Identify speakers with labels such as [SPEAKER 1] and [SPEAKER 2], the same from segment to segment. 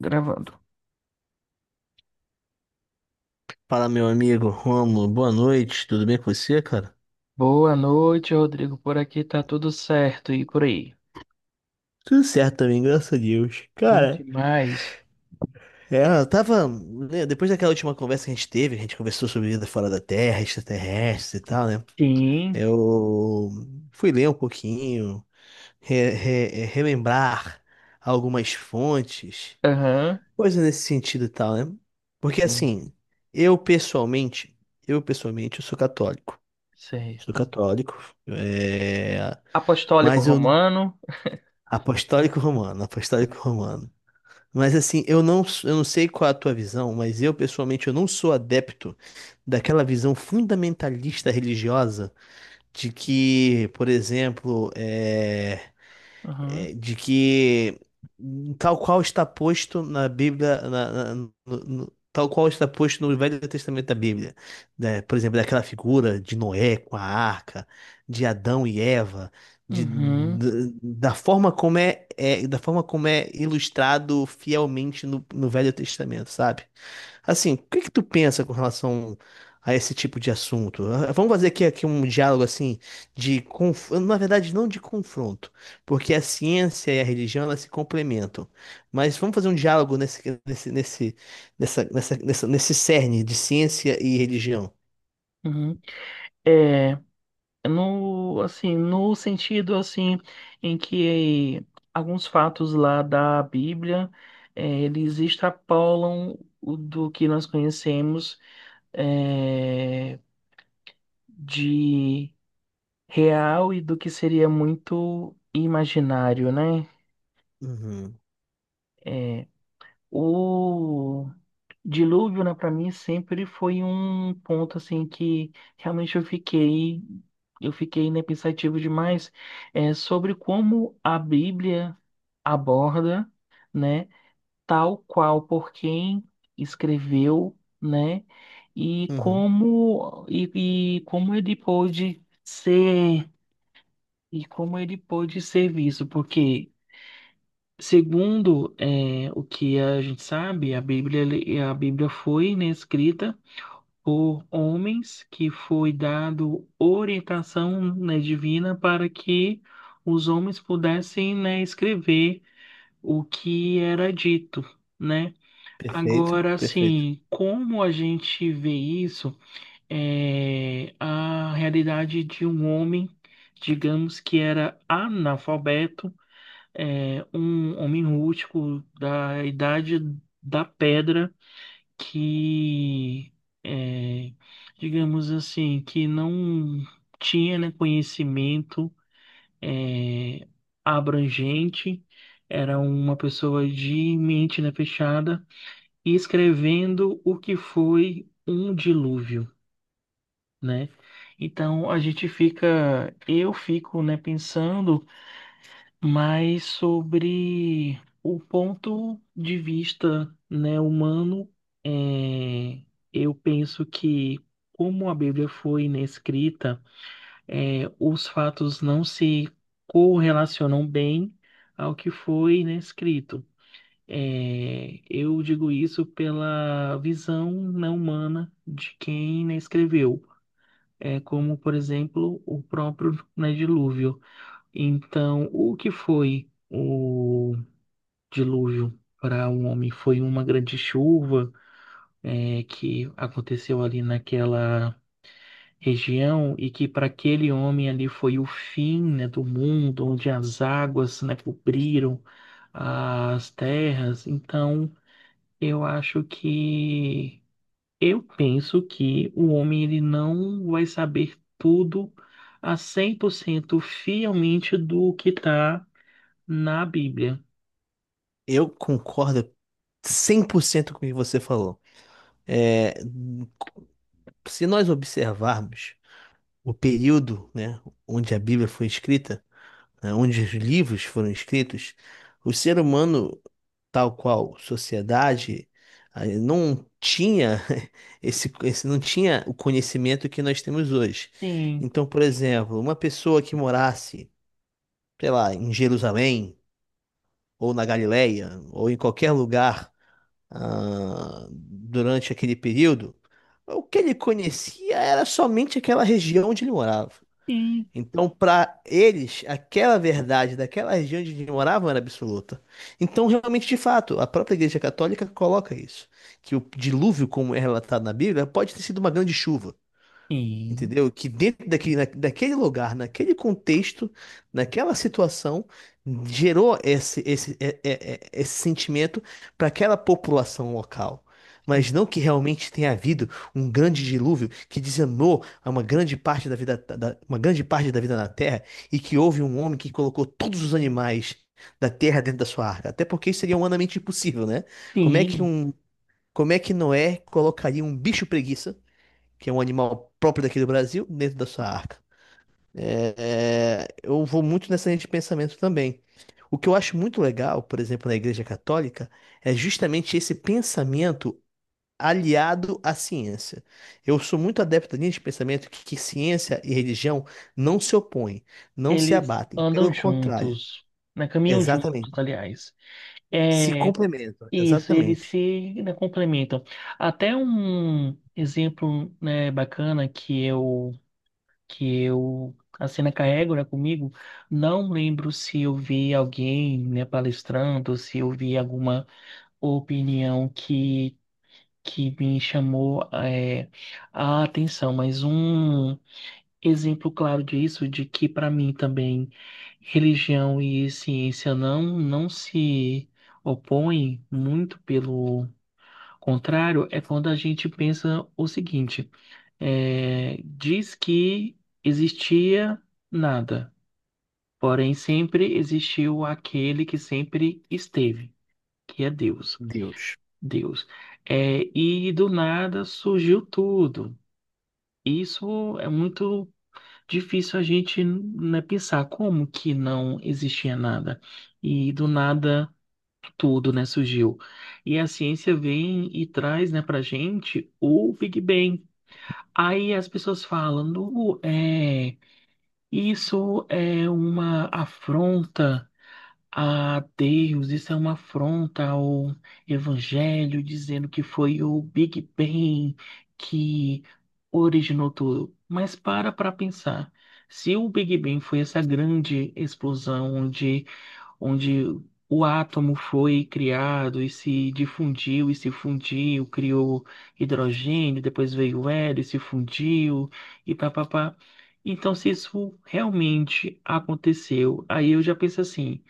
[SPEAKER 1] Gravando.
[SPEAKER 2] Fala, meu amigo Rômulo, boa noite, tudo bem com você, cara?
[SPEAKER 1] Boa noite, Rodrigo. Por aqui tá tudo certo e por aí.
[SPEAKER 2] Tudo certo também, graças a Deus.
[SPEAKER 1] Bom
[SPEAKER 2] Cara,
[SPEAKER 1] demais.
[SPEAKER 2] eu tava, né, depois daquela última conversa que a gente teve, a gente conversou sobre vida fora da Terra, extraterrestres e tal, né?
[SPEAKER 1] Sim.
[SPEAKER 2] Eu fui ler um pouquinho, relembrar algumas fontes,
[SPEAKER 1] Aham,
[SPEAKER 2] coisa nesse sentido e tal, né? Porque
[SPEAKER 1] sim.
[SPEAKER 2] assim, eu pessoalmente, eu pessoalmente, eu sou católico. Sou
[SPEAKER 1] Certo.
[SPEAKER 2] católico, é,
[SPEAKER 1] Apostólico
[SPEAKER 2] mas eu
[SPEAKER 1] Romano.
[SPEAKER 2] apostólico romano, apostólico romano. Mas assim, eu não sei qual é a tua visão, mas eu pessoalmente eu não sou adepto daquela visão fundamentalista religiosa de que, por exemplo,
[SPEAKER 1] Aham.
[SPEAKER 2] de que tal qual está posto na Bíblia, tal qual está posto no Velho Testamento da Bíblia, né? Por exemplo, daquela figura de Noé com a arca, de Adão e Eva,
[SPEAKER 1] Uhum.
[SPEAKER 2] da forma como é ilustrado fielmente no Velho Testamento, sabe? Assim, o que que tu pensa com relação a esse tipo de assunto? Ah, vamos fazer aqui um diálogo assim na verdade não de confronto, porque a ciência e a religião, elas se complementam. Mas vamos fazer um diálogo nesse, nesse, nesse, nessa, nessa, nessa- nesse cerne de ciência e religião.
[SPEAKER 1] Uhum. É, no, assim, no sentido, assim, em que alguns fatos lá da Bíblia, é, eles extrapolam o do que nós conhecemos, é, de... real e do que seria muito imaginário, né?
[SPEAKER 2] Uhum,
[SPEAKER 1] É, o dilúvio, né, para mim sempre foi um ponto assim que realmente eu fiquei, né, pensativo demais, é, sobre como a Bíblia aborda, né, tal qual por quem escreveu, né,
[SPEAKER 2] uhum.
[SPEAKER 1] e como ele pôde ser e como ele pôde ser visto, porque, segundo o que a gente sabe, a Bíblia, a Bíblia foi, né, escrita por homens que foi dado orientação, né, divina para que os homens pudessem, né, escrever o que era dito, né?
[SPEAKER 2] Perfeito,
[SPEAKER 1] Agora,
[SPEAKER 2] perfeito.
[SPEAKER 1] assim, como a gente vê isso, é a realidade de um homem, digamos que era analfabeto, é, um homem rústico da idade da pedra que, é, digamos assim, que não tinha, né, conhecimento, é, abrangente, era uma pessoa de mente, né, fechada, e escrevendo o que foi um dilúvio, né? Então a gente fica, eu fico, né, pensando, mas sobre o ponto de vista, né, humano, é, eu penso que como a Bíblia foi inescrita, é, os fatos não se correlacionam bem ao que foi inescrito. É, eu digo isso pela visão não humana de quem, né, escreveu, é, como, por exemplo, o próprio, né, dilúvio. Então, o que foi o dilúvio para um homem foi uma grande chuva, é, que aconteceu ali naquela região e que para aquele homem ali foi o fim, né, do mundo, onde as águas, né, cobriram as terras. Então, eu acho que eu penso que o homem ele não vai saber tudo a 100% fielmente do que está na Bíblia.
[SPEAKER 2] Eu concordo 100% com o que você falou. É, se nós observarmos o período, né, onde a Bíblia foi escrita, né, onde os livros foram escritos, o ser humano tal qual sociedade, aí não tinha esse não tinha o conhecimento que nós temos hoje.
[SPEAKER 1] Sim,
[SPEAKER 2] Então, por exemplo, uma pessoa que morasse, sei lá, em Jerusalém ou na Galileia ou em qualquer lugar, ah, durante aquele período, o que ele conhecia era somente aquela região onde ele morava.
[SPEAKER 1] sim,
[SPEAKER 2] Então, para eles, aquela verdade daquela região onde eles moravam era absoluta. Então, realmente, de fato, a própria Igreja Católica coloca isso, que o dilúvio, como é relatado na Bíblia, pode ter sido uma grande chuva.
[SPEAKER 1] sim.
[SPEAKER 2] Entendeu? Que dentro daquele lugar, naquele contexto, naquela situação, gerou esse, esse, é- é- é- esse sentimento para aquela população local. Mas
[SPEAKER 1] Sim.
[SPEAKER 2] não que realmente tenha havido um grande dilúvio que dizimou a uma grande parte da vida, uma grande parte da vida na Terra e que houve um homem que colocou todos os animais da Terra dentro da sua arca. Até porque isso seria humanamente impossível, né? Como é que
[SPEAKER 1] Sim,
[SPEAKER 2] um, como é que Noé colocaria um bicho preguiça, que é um animal próprio daqui do Brasil, dentro da sua arca? Eu vou muito nessa linha de pensamento também. O que eu acho muito legal, por exemplo, na Igreja Católica, é justamente esse pensamento aliado à ciência. Eu sou muito adepto da linha de pensamento que ciência e religião não se opõem, não se
[SPEAKER 1] eles
[SPEAKER 2] abatem. Pelo
[SPEAKER 1] andam
[SPEAKER 2] contrário,
[SPEAKER 1] juntos, né? Caminham juntos,
[SPEAKER 2] exatamente.
[SPEAKER 1] aliás.
[SPEAKER 2] Se
[SPEAKER 1] É
[SPEAKER 2] complementam,
[SPEAKER 1] isso, eles
[SPEAKER 2] exatamente.
[SPEAKER 1] se, né, complementam. Até um exemplo, né, bacana que eu a cena carrego, né, comigo, não lembro se eu vi alguém, né, palestrando, se eu vi alguma opinião que me chamou, é, a atenção, mas um exemplo claro disso, de que para mim também religião e ciência não se opõem, muito pelo contrário, é quando a gente pensa o seguinte: é, diz que existia nada, porém sempre existiu aquele que sempre esteve, que é Deus.
[SPEAKER 2] Deus.
[SPEAKER 1] Deus. É, e do nada surgiu tudo. Isso é muito difícil a gente, né, pensar como que não existia nada e do nada tudo, né, surgiu. E a ciência vem e traz, né, pra gente o Big Bang. Aí as pessoas falam, "Nu, é, isso é uma afronta a Deus, isso é uma afronta ao Evangelho, dizendo que foi o Big Bang que originou tudo." Mas para pensar, se o Big Bang foi essa grande explosão onde o átomo foi criado e se difundiu e se fundiu, criou hidrogênio, depois veio o hélio, e se fundiu e papapá. Então, se isso realmente aconteceu, aí eu já penso assim,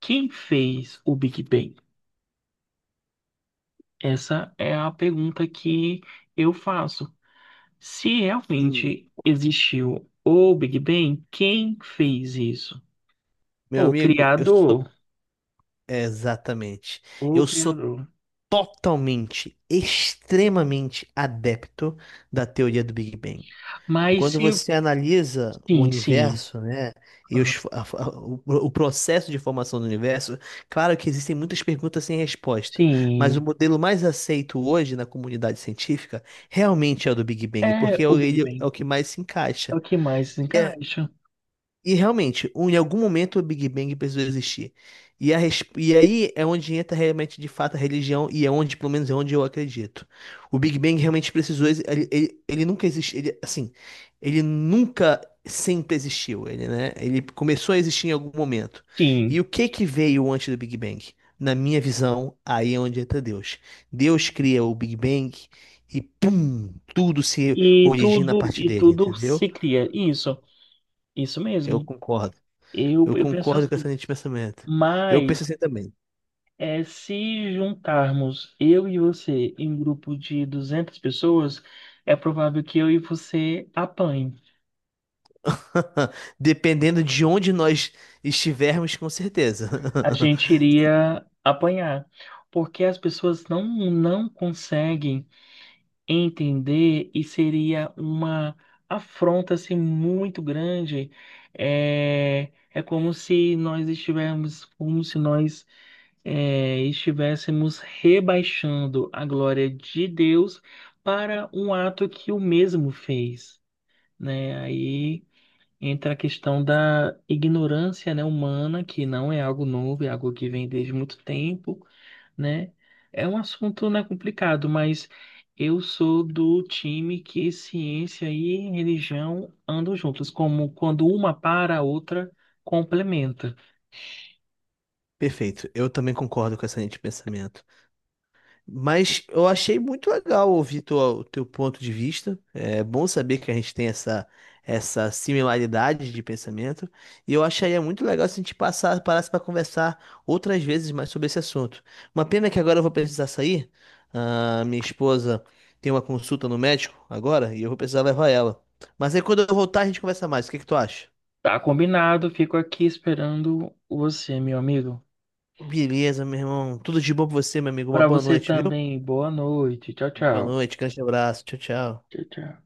[SPEAKER 1] quem fez o Big Bang? Essa é a pergunta que eu faço. Se
[SPEAKER 2] Hum,
[SPEAKER 1] realmente existiu o Big Bang, quem fez isso?
[SPEAKER 2] Meu
[SPEAKER 1] O
[SPEAKER 2] amigo, eu sou.
[SPEAKER 1] criador,
[SPEAKER 2] Exatamente.
[SPEAKER 1] o
[SPEAKER 2] Eu sou
[SPEAKER 1] criador.
[SPEAKER 2] totalmente, extremamente adepto da teoria do Big Bang.
[SPEAKER 1] Mas
[SPEAKER 2] Quando
[SPEAKER 1] se
[SPEAKER 2] você analisa o
[SPEAKER 1] sim, sim.
[SPEAKER 2] universo, né, e os
[SPEAKER 1] Aham.
[SPEAKER 2] fo- a- o processo de formação do universo, claro que existem muitas perguntas sem resposta, mas o
[SPEAKER 1] Sim.
[SPEAKER 2] modelo mais aceito hoje na comunidade científica realmente é o do Big Bang, porque
[SPEAKER 1] É o Big
[SPEAKER 2] ele é
[SPEAKER 1] Bang.
[SPEAKER 2] o que mais se
[SPEAKER 1] É
[SPEAKER 2] encaixa.
[SPEAKER 1] o que mais encaixa.
[SPEAKER 2] E realmente, em algum momento o Big Bang precisou existir. E, e aí é onde entra realmente de fato a religião, e é onde, pelo menos, é onde eu acredito. O Big Bang realmente precisou, ele nunca existiu, ele, assim, ele nunca sempre existiu, ele, né? Ele começou a existir em algum momento. E
[SPEAKER 1] Sim.
[SPEAKER 2] o que que veio antes do Big Bang? Na minha visão, aí é onde entra Deus. Deus cria o Big Bang e pum, tudo se origina a partir
[SPEAKER 1] E
[SPEAKER 2] dele,
[SPEAKER 1] tudo
[SPEAKER 2] entendeu?
[SPEAKER 1] se cria. Isso, isso
[SPEAKER 2] Eu
[SPEAKER 1] mesmo.
[SPEAKER 2] concordo.
[SPEAKER 1] Eu,
[SPEAKER 2] Eu
[SPEAKER 1] eu penso
[SPEAKER 2] concordo com essa
[SPEAKER 1] assim.
[SPEAKER 2] linha de pensamento. Eu penso
[SPEAKER 1] Mas
[SPEAKER 2] assim também.
[SPEAKER 1] é, se juntarmos eu e você em um grupo de 200 pessoas, é provável que eu e você apanhem.
[SPEAKER 2] Dependendo de onde nós estivermos, com certeza.
[SPEAKER 1] A gente iria apanhar. Porque as pessoas não conseguem entender e seria uma afronta assim, muito grande. É, é como se nós estivéssemos, como se nós, é, estivéssemos rebaixando a glória de Deus para um ato que o mesmo fez, né? Aí entra a questão da ignorância, né, humana, que não é algo novo, é algo que vem desde muito tempo, né? É um assunto, né, complicado, mas eu sou do time que ciência e religião andam juntas, como quando uma para, a outra complementa.
[SPEAKER 2] Perfeito. Eu também concordo com essa linha de pensamento. Mas eu achei muito legal ouvir o teu ponto de vista. É bom saber que a gente tem essa similaridade de pensamento. E eu acharia muito legal se a gente parasse para conversar outras vezes mais sobre esse assunto. Uma pena que agora eu vou precisar sair. Ah, minha esposa tem uma consulta no médico agora e eu vou precisar levar ela. Mas aí quando eu voltar a gente conversa mais. O que que tu acha?
[SPEAKER 1] Tá combinado, fico aqui esperando você, meu amigo.
[SPEAKER 2] Beleza, meu irmão. Tudo de bom pra você, meu amigo. Uma
[SPEAKER 1] Para
[SPEAKER 2] boa
[SPEAKER 1] você
[SPEAKER 2] noite, viu?
[SPEAKER 1] também, boa noite. Tchau,
[SPEAKER 2] Boa
[SPEAKER 1] tchau.
[SPEAKER 2] noite, grande abraço. Tchau, tchau.
[SPEAKER 1] Tchau, tchau.